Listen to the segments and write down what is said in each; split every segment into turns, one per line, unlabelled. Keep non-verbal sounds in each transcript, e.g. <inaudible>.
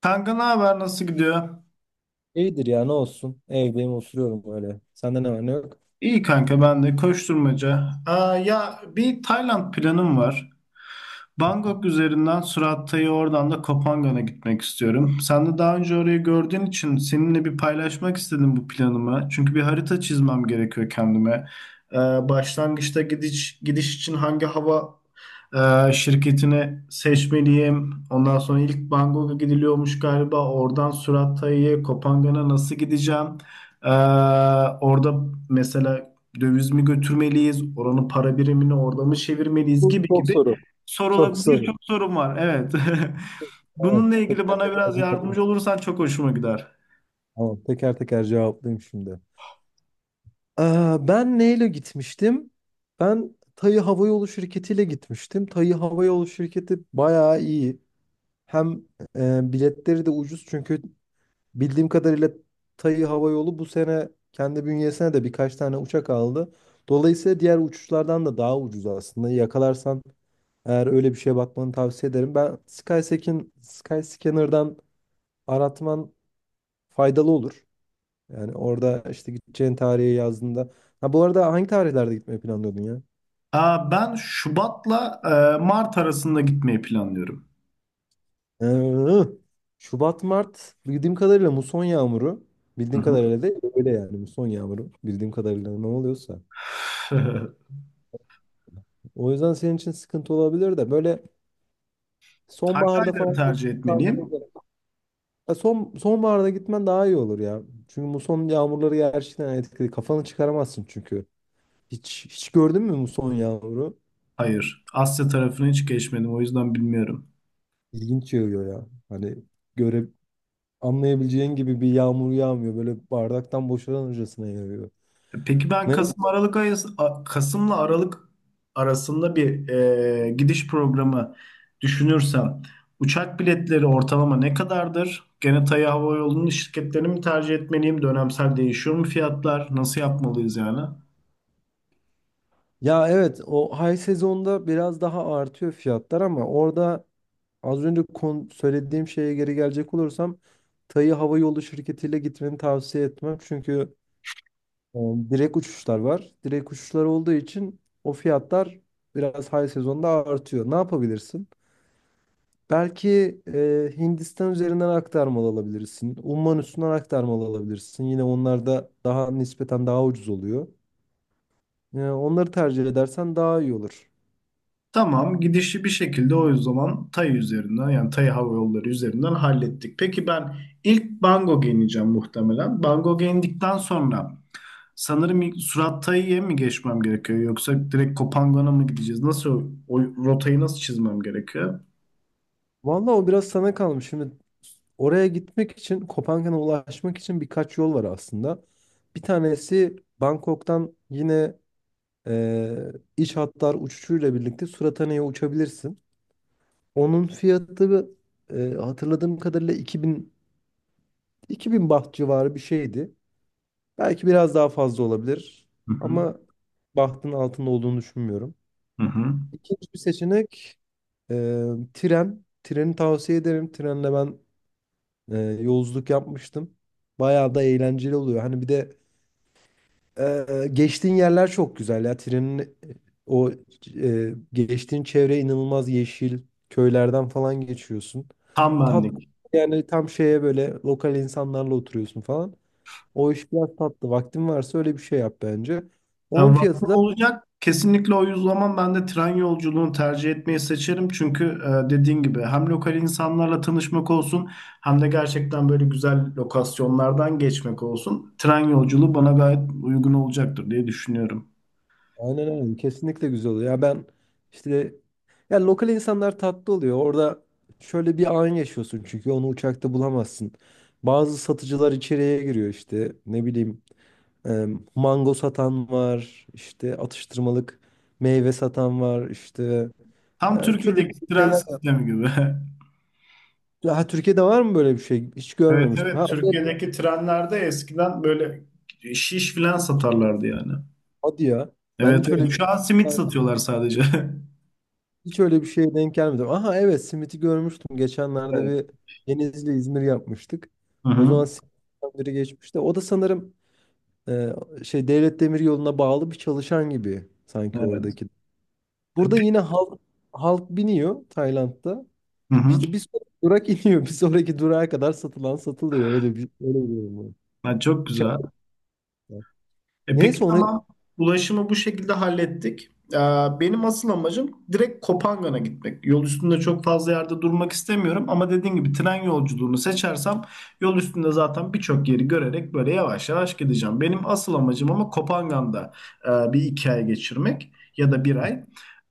Kanka ne haber, nasıl gidiyor?
İyidir ya ne olsun. Evdeyim oturuyorum öyle. Sende ne var ne yok?
İyi kanka, ben de koşturmaca. Ya bir Tayland planım var. Bangkok üzerinden Surat'tayı, oradan da Koh Phangan'a gitmek istiyorum. Sen de daha önce orayı gördüğün için seninle bir paylaşmak istedim bu planımı. Çünkü bir harita çizmem gerekiyor kendime. Ee, başlangıçta gidiş için hangi hava şirketini seçmeliyim? Ondan sonra ilk Bangkok'a gidiliyormuş galiba. Oradan Surat Thai'ye, Koh Phangan'a nasıl gideceğim? Ee, orada mesela döviz mi götürmeliyiz, oranın para birimini orada mı çevirmeliyiz
Bu
gibi
çok
gibi
soru. Çok
sorular,
soru.
birçok sorum var. Evet. <laughs>
Tamam.
Bununla ilgili
Teker
bana
teker
biraz
cevaplayayım.
yardımcı olursan çok hoşuma gider.
Tamam. Teker teker cevaplayayım şimdi. Ben neyle gitmiştim? Ben Tayı Hava Yolu Şirketi ile gitmiştim. Tayı Hava Yolu Şirketi bayağı iyi. Hem biletleri de ucuz çünkü bildiğim kadarıyla Tayı Hava Yolu bu sene kendi bünyesine de birkaç tane uçak aldı. Dolayısıyla diğer uçuşlardan da daha ucuz aslında. Eğer öyle bir şeye bakmanı tavsiye ederim. Ben Skyscanner'dan aratman faydalı olur. Yani orada işte gideceğin tarihi yazdığında. Ha, bu arada hangi tarihlerde gitmeyi planlıyordun ya?
Ben Şubat'la Mart arasında gitmeyi planlıyorum.
Ee, Şubat, Mart bildiğim kadarıyla muson yağmuru.
Hı
Bildiğim
hı.
kadarıyla değil öyle, yani muson yağmuru. Bildiğim kadarıyla ne oluyorsa.
<laughs>
O yüzden senin için sıkıntı olabilir de böyle
Hangi
sonbaharda
ayları
falan
tercih
gitmeni tavsiye
etmeliyim?
ederim. Ya sonbaharda gitmen daha iyi olur ya. Çünkü muson yağmurları gerçekten etkili. Kafanı çıkaramazsın çünkü. Hiç gördün mü muson yağmuru?
Hayır. Asya tarafına hiç geçmedim, o yüzden bilmiyorum.
İlginç yağıyor ya. Hani göre anlayabileceğin gibi bir yağmur yağmıyor. Böyle bardaktan boşanırcasına yağıyor.
Peki ben
Ne?
Kasım Aralık ayı Kasım'la Aralık arasında bir gidiş programı düşünürsem uçak biletleri ortalama ne kadardır? Gene Tayyip Hava Yolu'nun şirketlerini mi tercih etmeliyim? Dönemsel değişiyor mu fiyatlar? Nasıl yapmalıyız yani?
Ya evet, o high sezonda biraz daha artıyor fiyatlar ama orada az önce söylediğim şeye geri gelecek olursam Tayı Hava Yolu şirketiyle gitmeni tavsiye etmem. Çünkü e, direkt uçuşlar var. Direkt uçuşlar olduğu için o fiyatlar biraz high sezonda artıyor. Ne yapabilirsin? Belki Hindistan üzerinden aktarmalı alabilirsin. Umman üstünden aktarmalı alabilirsin. Yine onlar da daha nispeten daha ucuz oluyor. Onları tercih edersen daha iyi olur.
Tamam, gidişi bir şekilde o zaman Tay üzerinden, yani Tay Hava Yolları üzerinden hallettik. Peki ben ilk Bangkok'a ineceğim muhtemelen. Bangkok'a indikten sonra sanırım ilk Surattayı'ya mı geçmem gerekiyor, yoksa direkt Kopangan'a mı gideceğiz? Rotayı nasıl çizmem gerekiyor?
Vallahi o biraz sana kalmış. Şimdi oraya gitmek için, Kopenhag'a ulaşmak için birkaç yol var aslında. Bir tanesi Bangkok'tan yine e, iç hatlar uçuşuyla birlikte Surahane'ye uçabilirsin. Onun fiyatı hatırladığım kadarıyla 2000 baht civarı bir şeydi. Belki biraz daha fazla olabilir
Hı hı,
ama bahtın altında olduğunu düşünmüyorum.
hı hı.
İkinci bir seçenek e, tren. Treni tavsiye ederim. Trenle ben yolculuk yapmıştım. Bayağı da eğlenceli oluyor. Hani bir de geçtiğin yerler çok güzel ya. Trenin e, o e, Geçtiğin çevre inanılmaz yeşil. Köylerden falan geçiyorsun.
Tam
Tat
benlik.
Yani tam şeye böyle lokal insanlarla oturuyorsun falan. O iş biraz tatlı. Vaktin varsa öyle bir şey yap bence. Onun fiyatı
Vaktim
da
olacak. Kesinlikle, o zaman ben de tren yolculuğunu tercih etmeyi seçerim. Çünkü dediğin gibi hem lokal insanlarla tanışmak olsun hem de gerçekten böyle güzel lokasyonlardan geçmek olsun. Tren yolculuğu bana gayet uygun olacaktır diye düşünüyorum.
aynen, aynen, kesinlikle güzel oluyor. Ya ben işte, ya lokal insanlar tatlı oluyor. Orada şöyle bir an yaşıyorsun çünkü onu uçakta bulamazsın. Bazı satıcılar içeriye giriyor, işte ne bileyim, e, mango satan var, işte atıştırmalık meyve satan var, işte
Tam
türlü
Türkiye'deki
türlü
tren
şeyler.
sistemi gibi. <laughs>
Ha, Türkiye'de var mı böyle bir şey? Hiç
Evet
görmemiştim.
evet,
Ha, evet,
Türkiye'deki trenlerde eskiden böyle şiş filan satarlardı yani.
hadi ya. Ben
Evet
hiç öyle
evet,
bir
şu an simit
şey.
satıyorlar sadece. <laughs>
Hiç öyle bir şeye denk gelmedim. Aha, evet, simiti görmüştüm. Geçenlerde
Evet.
bir Denizli İzmir yapmıştık.
Hı
O
hı.
zaman simitten biri geçmişti. O da sanırım e, şey Devlet Demir Yolu'na bağlı bir çalışan gibi sanki
Evet.
oradaki.
E,
Burada
pe-
yine halk biniyor Tayland'da.
Hı hı.
İşte bir sonraki durak iniyor. <laughs> Bir sonraki durağa kadar satılan satılıyor. Öyle bir durum var.
Ha, çok güzel.
İçeride.
E peki
Neyse onu.
tamam. Ulaşımı bu şekilde hallettik. Benim asıl amacım direkt Kopangan'a gitmek. Yol üstünde çok fazla yerde durmak istemiyorum ama dediğim gibi tren yolculuğunu seçersem yol üstünde zaten birçok yeri görerek böyle yavaş yavaş gideceğim. Benim asıl amacım ama Kopangan'da bir iki ay geçirmek ya da bir ay.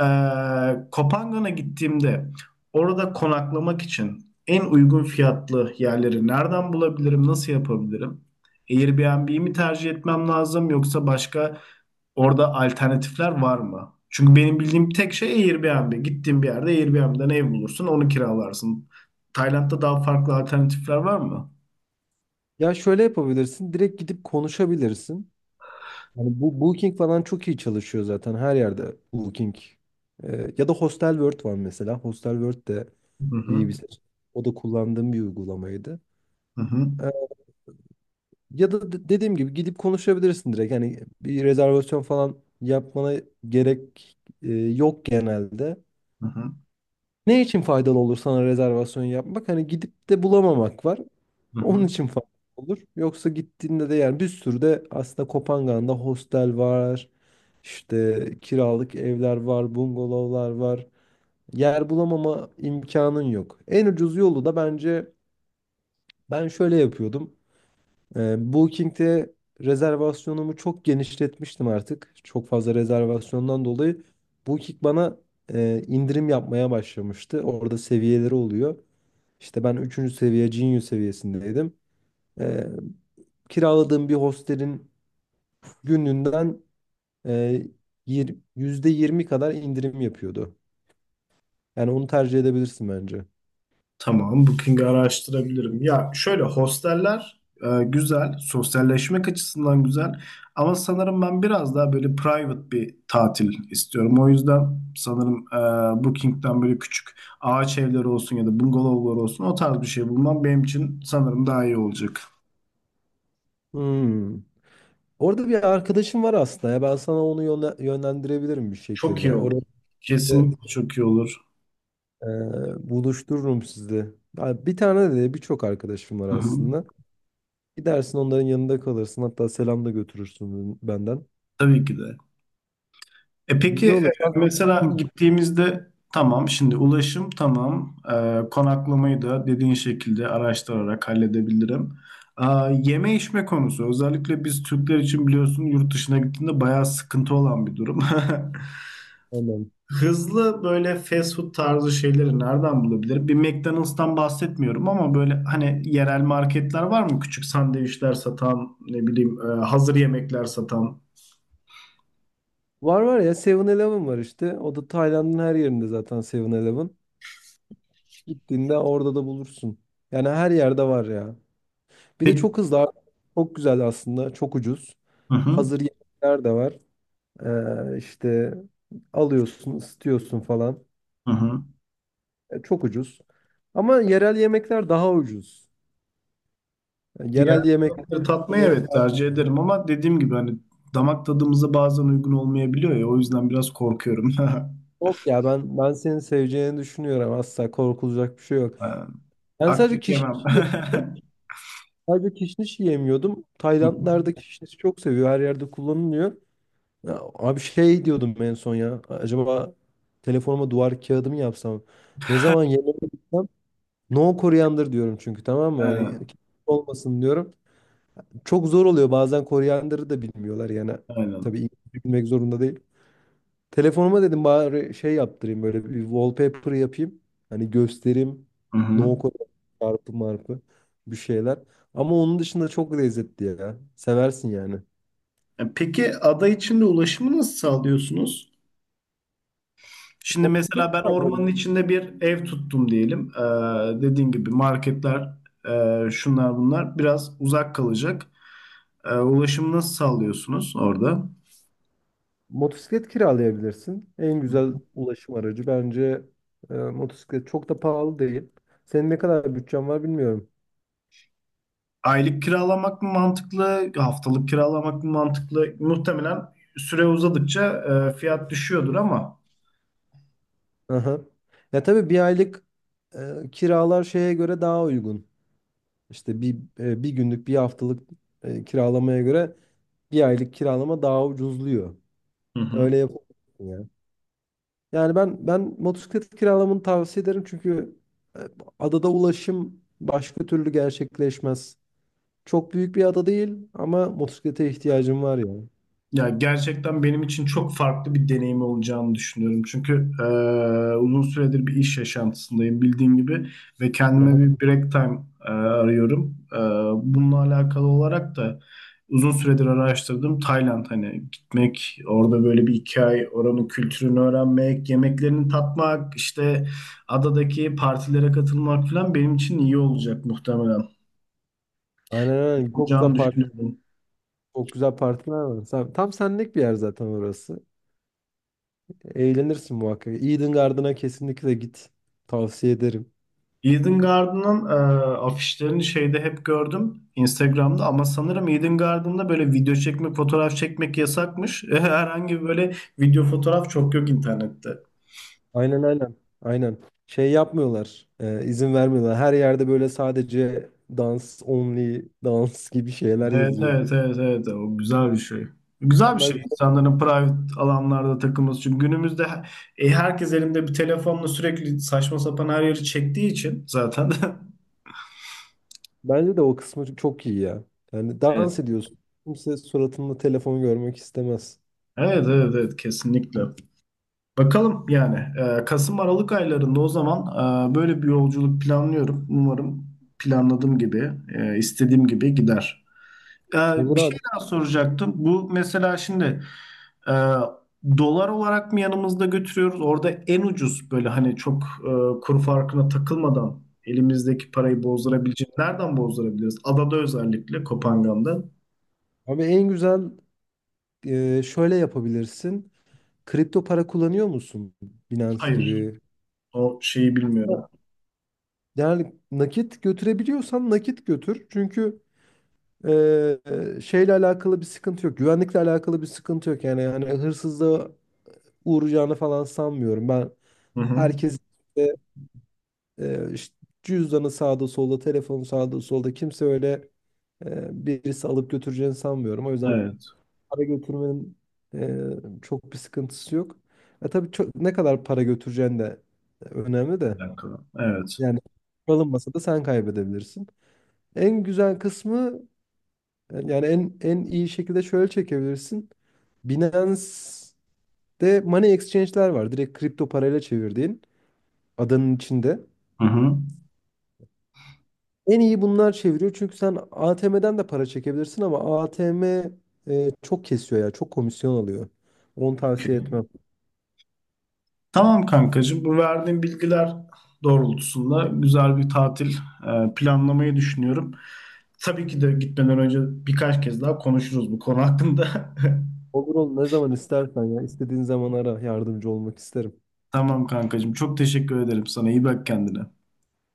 Kopangan'a gittiğimde orada konaklamak için en uygun fiyatlı yerleri nereden bulabilirim, nasıl yapabilirim? Airbnb'yi mi tercih etmem lazım, yoksa başka orada alternatifler var mı? Çünkü benim bildiğim tek şey Airbnb. Gittiğin bir yerde Airbnb'den ev bulursun, onu kiralarsın. Tayland'da daha farklı alternatifler var mı?
Ya şöyle yapabilirsin. Direkt gidip konuşabilirsin. Yani bu Booking falan çok iyi çalışıyor zaten, her yerde Booking. Ya da Hostel World var mesela. Hostel World de
Hı hı,
iyi bir seçenek. O da kullandığım bir uygulamaydı.
hı hı,
Ee, Ya da dediğim gibi gidip konuşabilirsin direkt. Yani bir rezervasyon falan yapmana gerek yok genelde.
hı hı,
Ne için faydalı olur sana rezervasyon yapmak? Hani gidip de bulamamak var.
hı
Onun
hı.
için faydalı olur. Yoksa gittiğinde de yani bir sürü de aslında Kopangan'da hostel var. İşte kiralık evler var, bungalovlar var. Yer bulamama imkanın yok. En ucuz yolu da bence ben şöyle yapıyordum. Booking'de rezervasyonumu çok genişletmiştim artık. Çok fazla rezervasyondan dolayı Booking bana indirim yapmaya başlamıştı. Orada seviyeleri oluyor. İşte ben üçüncü seviye Genius seviyesindeydim. Ee, Kiraladığım bir hostelin gününden e, %20 kadar indirim yapıyordu. Yani onu tercih edebilirsin bence.
Tamam, Booking'i araştırabilirim. Ya şöyle, hosteller güzel, sosyalleşmek açısından güzel ama sanırım ben biraz daha böyle private bir tatil istiyorum. O yüzden sanırım Booking'den böyle küçük ağaç evleri olsun ya da bungalovlar olsun, o tarz bir şey bulmam benim için sanırım daha iyi olacak.
Hmm. Orada bir arkadaşım var aslında ya. Ben sana onu yönlendirebilirim bir
Çok iyi
şekilde.
olur.
Orada
Kesinlikle çok iyi olur.
Ee, buluştururum sizi. Ha, bir tane de değil, birçok arkadaşım var
Hı hı.
aslında. Gidersin onların yanında kalırsın. Hatta selam da götürürsün benden.
Tabii ki de. E peki
Güzel
e,
olur. Ben- Hı.
mesela gittiğimizde tamam, şimdi ulaşım tamam. Konaklamayı da dediğin şekilde araştırarak halledebilirim. Yeme içme konusu özellikle biz Türkler için, biliyorsun, yurt dışına gittiğinde bayağı sıkıntı olan bir durum. <laughs>
Tamam.
Hızlı böyle fast food tarzı şeyleri nereden bulabilirim? Bir McDonald's'tan bahsetmiyorum ama böyle hani yerel marketler var mı? Küçük sandviçler satan, ne bileyim, hazır yemekler satan.
Var ya, Seven eleven var işte. O da Tayland'ın her yerinde zaten Seven eleven. Gittiğinde orada da bulursun. Yani her yerde var ya. Bir de
Peki.
çok hızlı, abi. Çok güzel aslında. Çok ucuz.
Hı hı.
Hazır yemekler de var. İşte alıyorsun, ısıtıyorsun falan.
Hı hı.
Çok ucuz. Ama yerel yemekler daha ucuz. Yani yerel
Yerel
yemek
yemekleri tatmayı evet tercih ederim ama dediğim gibi hani damak tadımıza bazen uygun olmayabiliyor ya, o yüzden biraz korkuyorum. <laughs>
yok ya, ben seni seveceğini düşünüyorum. Asla korkulacak bir şey yok.
Ee,
Ben sadece
akrep yemem.
kişniş yiyemiyordum.
<laughs>
Sadece kişniş yiyemiyordum. Taylandlarda kişniş çok seviyor. Her yerde kullanılıyor. Ya, abi, şey diyordum en son ya. Acaba telefonuma duvar kağıdı mı yapsam? Ne zaman yemeğe gitsem no koriander diyorum, çünkü tamam mı? Hani
Ee,
olmasın diyorum. Çok zor oluyor bazen, Koryanları da bilmiyorlar yani. Tabii
aynen.
İngilizce bilmek zorunda değil. Telefonuma dedim bari şey yaptırayım, böyle bir wallpaper yapayım. Hani göstereyim.
Hı hı.
No code çarpı marpı bir şeyler. Ama onun dışında çok lezzetli ya. Seversin yani.
Peki ada içinde ulaşımı nasıl sağlıyorsunuz? Şimdi
Motosiklet
mesela ben ormanın
kiralayalım.
içinde bir ev tuttum diyelim. Dediğim gibi marketler, şunlar bunlar biraz uzak kalacak. Ulaşımı nasıl sağlıyorsunuz orada?
Motosiklet kiralayabilirsin. En güzel ulaşım aracı bence motosiklet. Çok da pahalı değil. Senin ne kadar bütçen var bilmiyorum.
Aylık kiralamak mı mantıklı, haftalık kiralamak mı mantıklı? Muhtemelen süre uzadıkça fiyat düşüyordur ama
Aha. Ya tabii bir aylık kiralar şeye göre daha uygun. İşte bir günlük, bir haftalık kiralamaya göre bir aylık kiralama daha ucuzluyor.
Hı hı.
Öyle yap ya. Yani ben motosiklet kiralamanı tavsiye ederim çünkü e, adada ulaşım başka türlü gerçekleşmez. Çok büyük bir ada değil ama motosiklete ihtiyacım var ya.
Ya gerçekten benim için çok farklı bir deneyim olacağını düşünüyorum. Çünkü uzun süredir bir iş yaşantısındayım bildiğin gibi ve kendime
Aha.
bir break time arıyorum. Bununla alakalı olarak da uzun süredir araştırdım. Tayland hani gitmek, orada böyle bir iki ay oranın kültürünü öğrenmek, yemeklerini tatmak, işte adadaki partilere katılmak falan benim için iyi olacak muhtemelen.
Aynen, aynen. Çok güzel
Olacağını
park,
düşünüyorum.
çok güzel partiler var. Tam senlik bir yer zaten orası. Eğlenirsin muhakkak. Eden Garden'a kesinlikle git. Tavsiye ederim.
Eden Garden'ın afişlerini şeyde hep gördüm Instagram'da ama sanırım Eden Garden'da böyle video çekmek, fotoğraf çekmek yasakmış. <laughs> Herhangi bir böyle video fotoğraf çok yok internette.
Aynen, aynen. Aynen. Şey yapmıyorlar. E, izin vermiyorlar. Her yerde böyle sadece dans only, dans <laughs> gibi şeyler
Evet
yazıyor.
evet evet evet, o güzel bir şey. Güzel bir
Onlar.
şey insanların private alanlarda takılması. Çünkü günümüzde herkes elinde bir telefonla sürekli saçma sapan her yeri çektiği için zaten. <laughs>
Bence de o kısmı çok iyi ya. Yani
Evet
dans ediyorsun. Kimse suratında telefon görmek istemez.
evet evet, evet kesinlikle. Bakalım yani, Kasım Aralık aylarında o zaman böyle bir yolculuk planlıyorum. Umarım planladığım gibi, istediğim gibi gider. E,
Olur
bir şey
abi.
daha soracaktım. Bu mesela şimdi e, dolar olarak mı yanımızda götürüyoruz? Orada en ucuz, böyle hani çok kuru farkına takılmadan elimizdeki parayı bozdurabileceğimiz nereden bozdurabiliriz? Adada, özellikle Kopangan'da.
Abi en güzel şöyle yapabilirsin. Kripto para kullanıyor musun? Binance
Hayır,
gibi.
o şeyi bilmiyorum.
Yani nakit götürebiliyorsan nakit götür. Çünkü şeyle alakalı bir sıkıntı yok. Güvenlikle alakalı bir sıkıntı yok. Yani hani hırsızlığa uğrayacağını falan sanmıyorum. Ben
Hı hı.
herkes de, işte cüzdanı sağda solda, telefonu sağda solda kimse öyle birisi alıp götüreceğini sanmıyorum. O yüzden
Evet,
para götürmenin çok bir sıkıntısı yok. Tabii çok, ne kadar para götüreceğin de önemli de.
bir dakika. Evet.
Yani alınmasa da sen kaybedebilirsin. En güzel kısmı. Yani en iyi şekilde şöyle çekebilirsin. Binance'de money exchange'ler var. Direkt kripto parayla çevirdiğin adanın içinde.
Hı hı.
En iyi bunlar çeviriyor çünkü sen ATM'den de para çekebilirsin ama ATM çok kesiyor ya. Çok komisyon alıyor. Onu tavsiye etmem.
Tamam kankacığım, bu verdiğim bilgiler doğrultusunda güzel bir tatil planlamayı düşünüyorum. Tabii ki de gitmeden önce birkaç kez daha konuşuruz bu konu hakkında.
Olur, ne zaman istersen ya. İstediğin zaman ara. Yardımcı olmak isterim.
<laughs> Tamam kankacığım, çok teşekkür ederim sana. İyi bak kendine.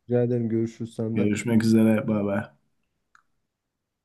Rica ederim, görüşürüz sende.
Görüşmek üzere, bay bay.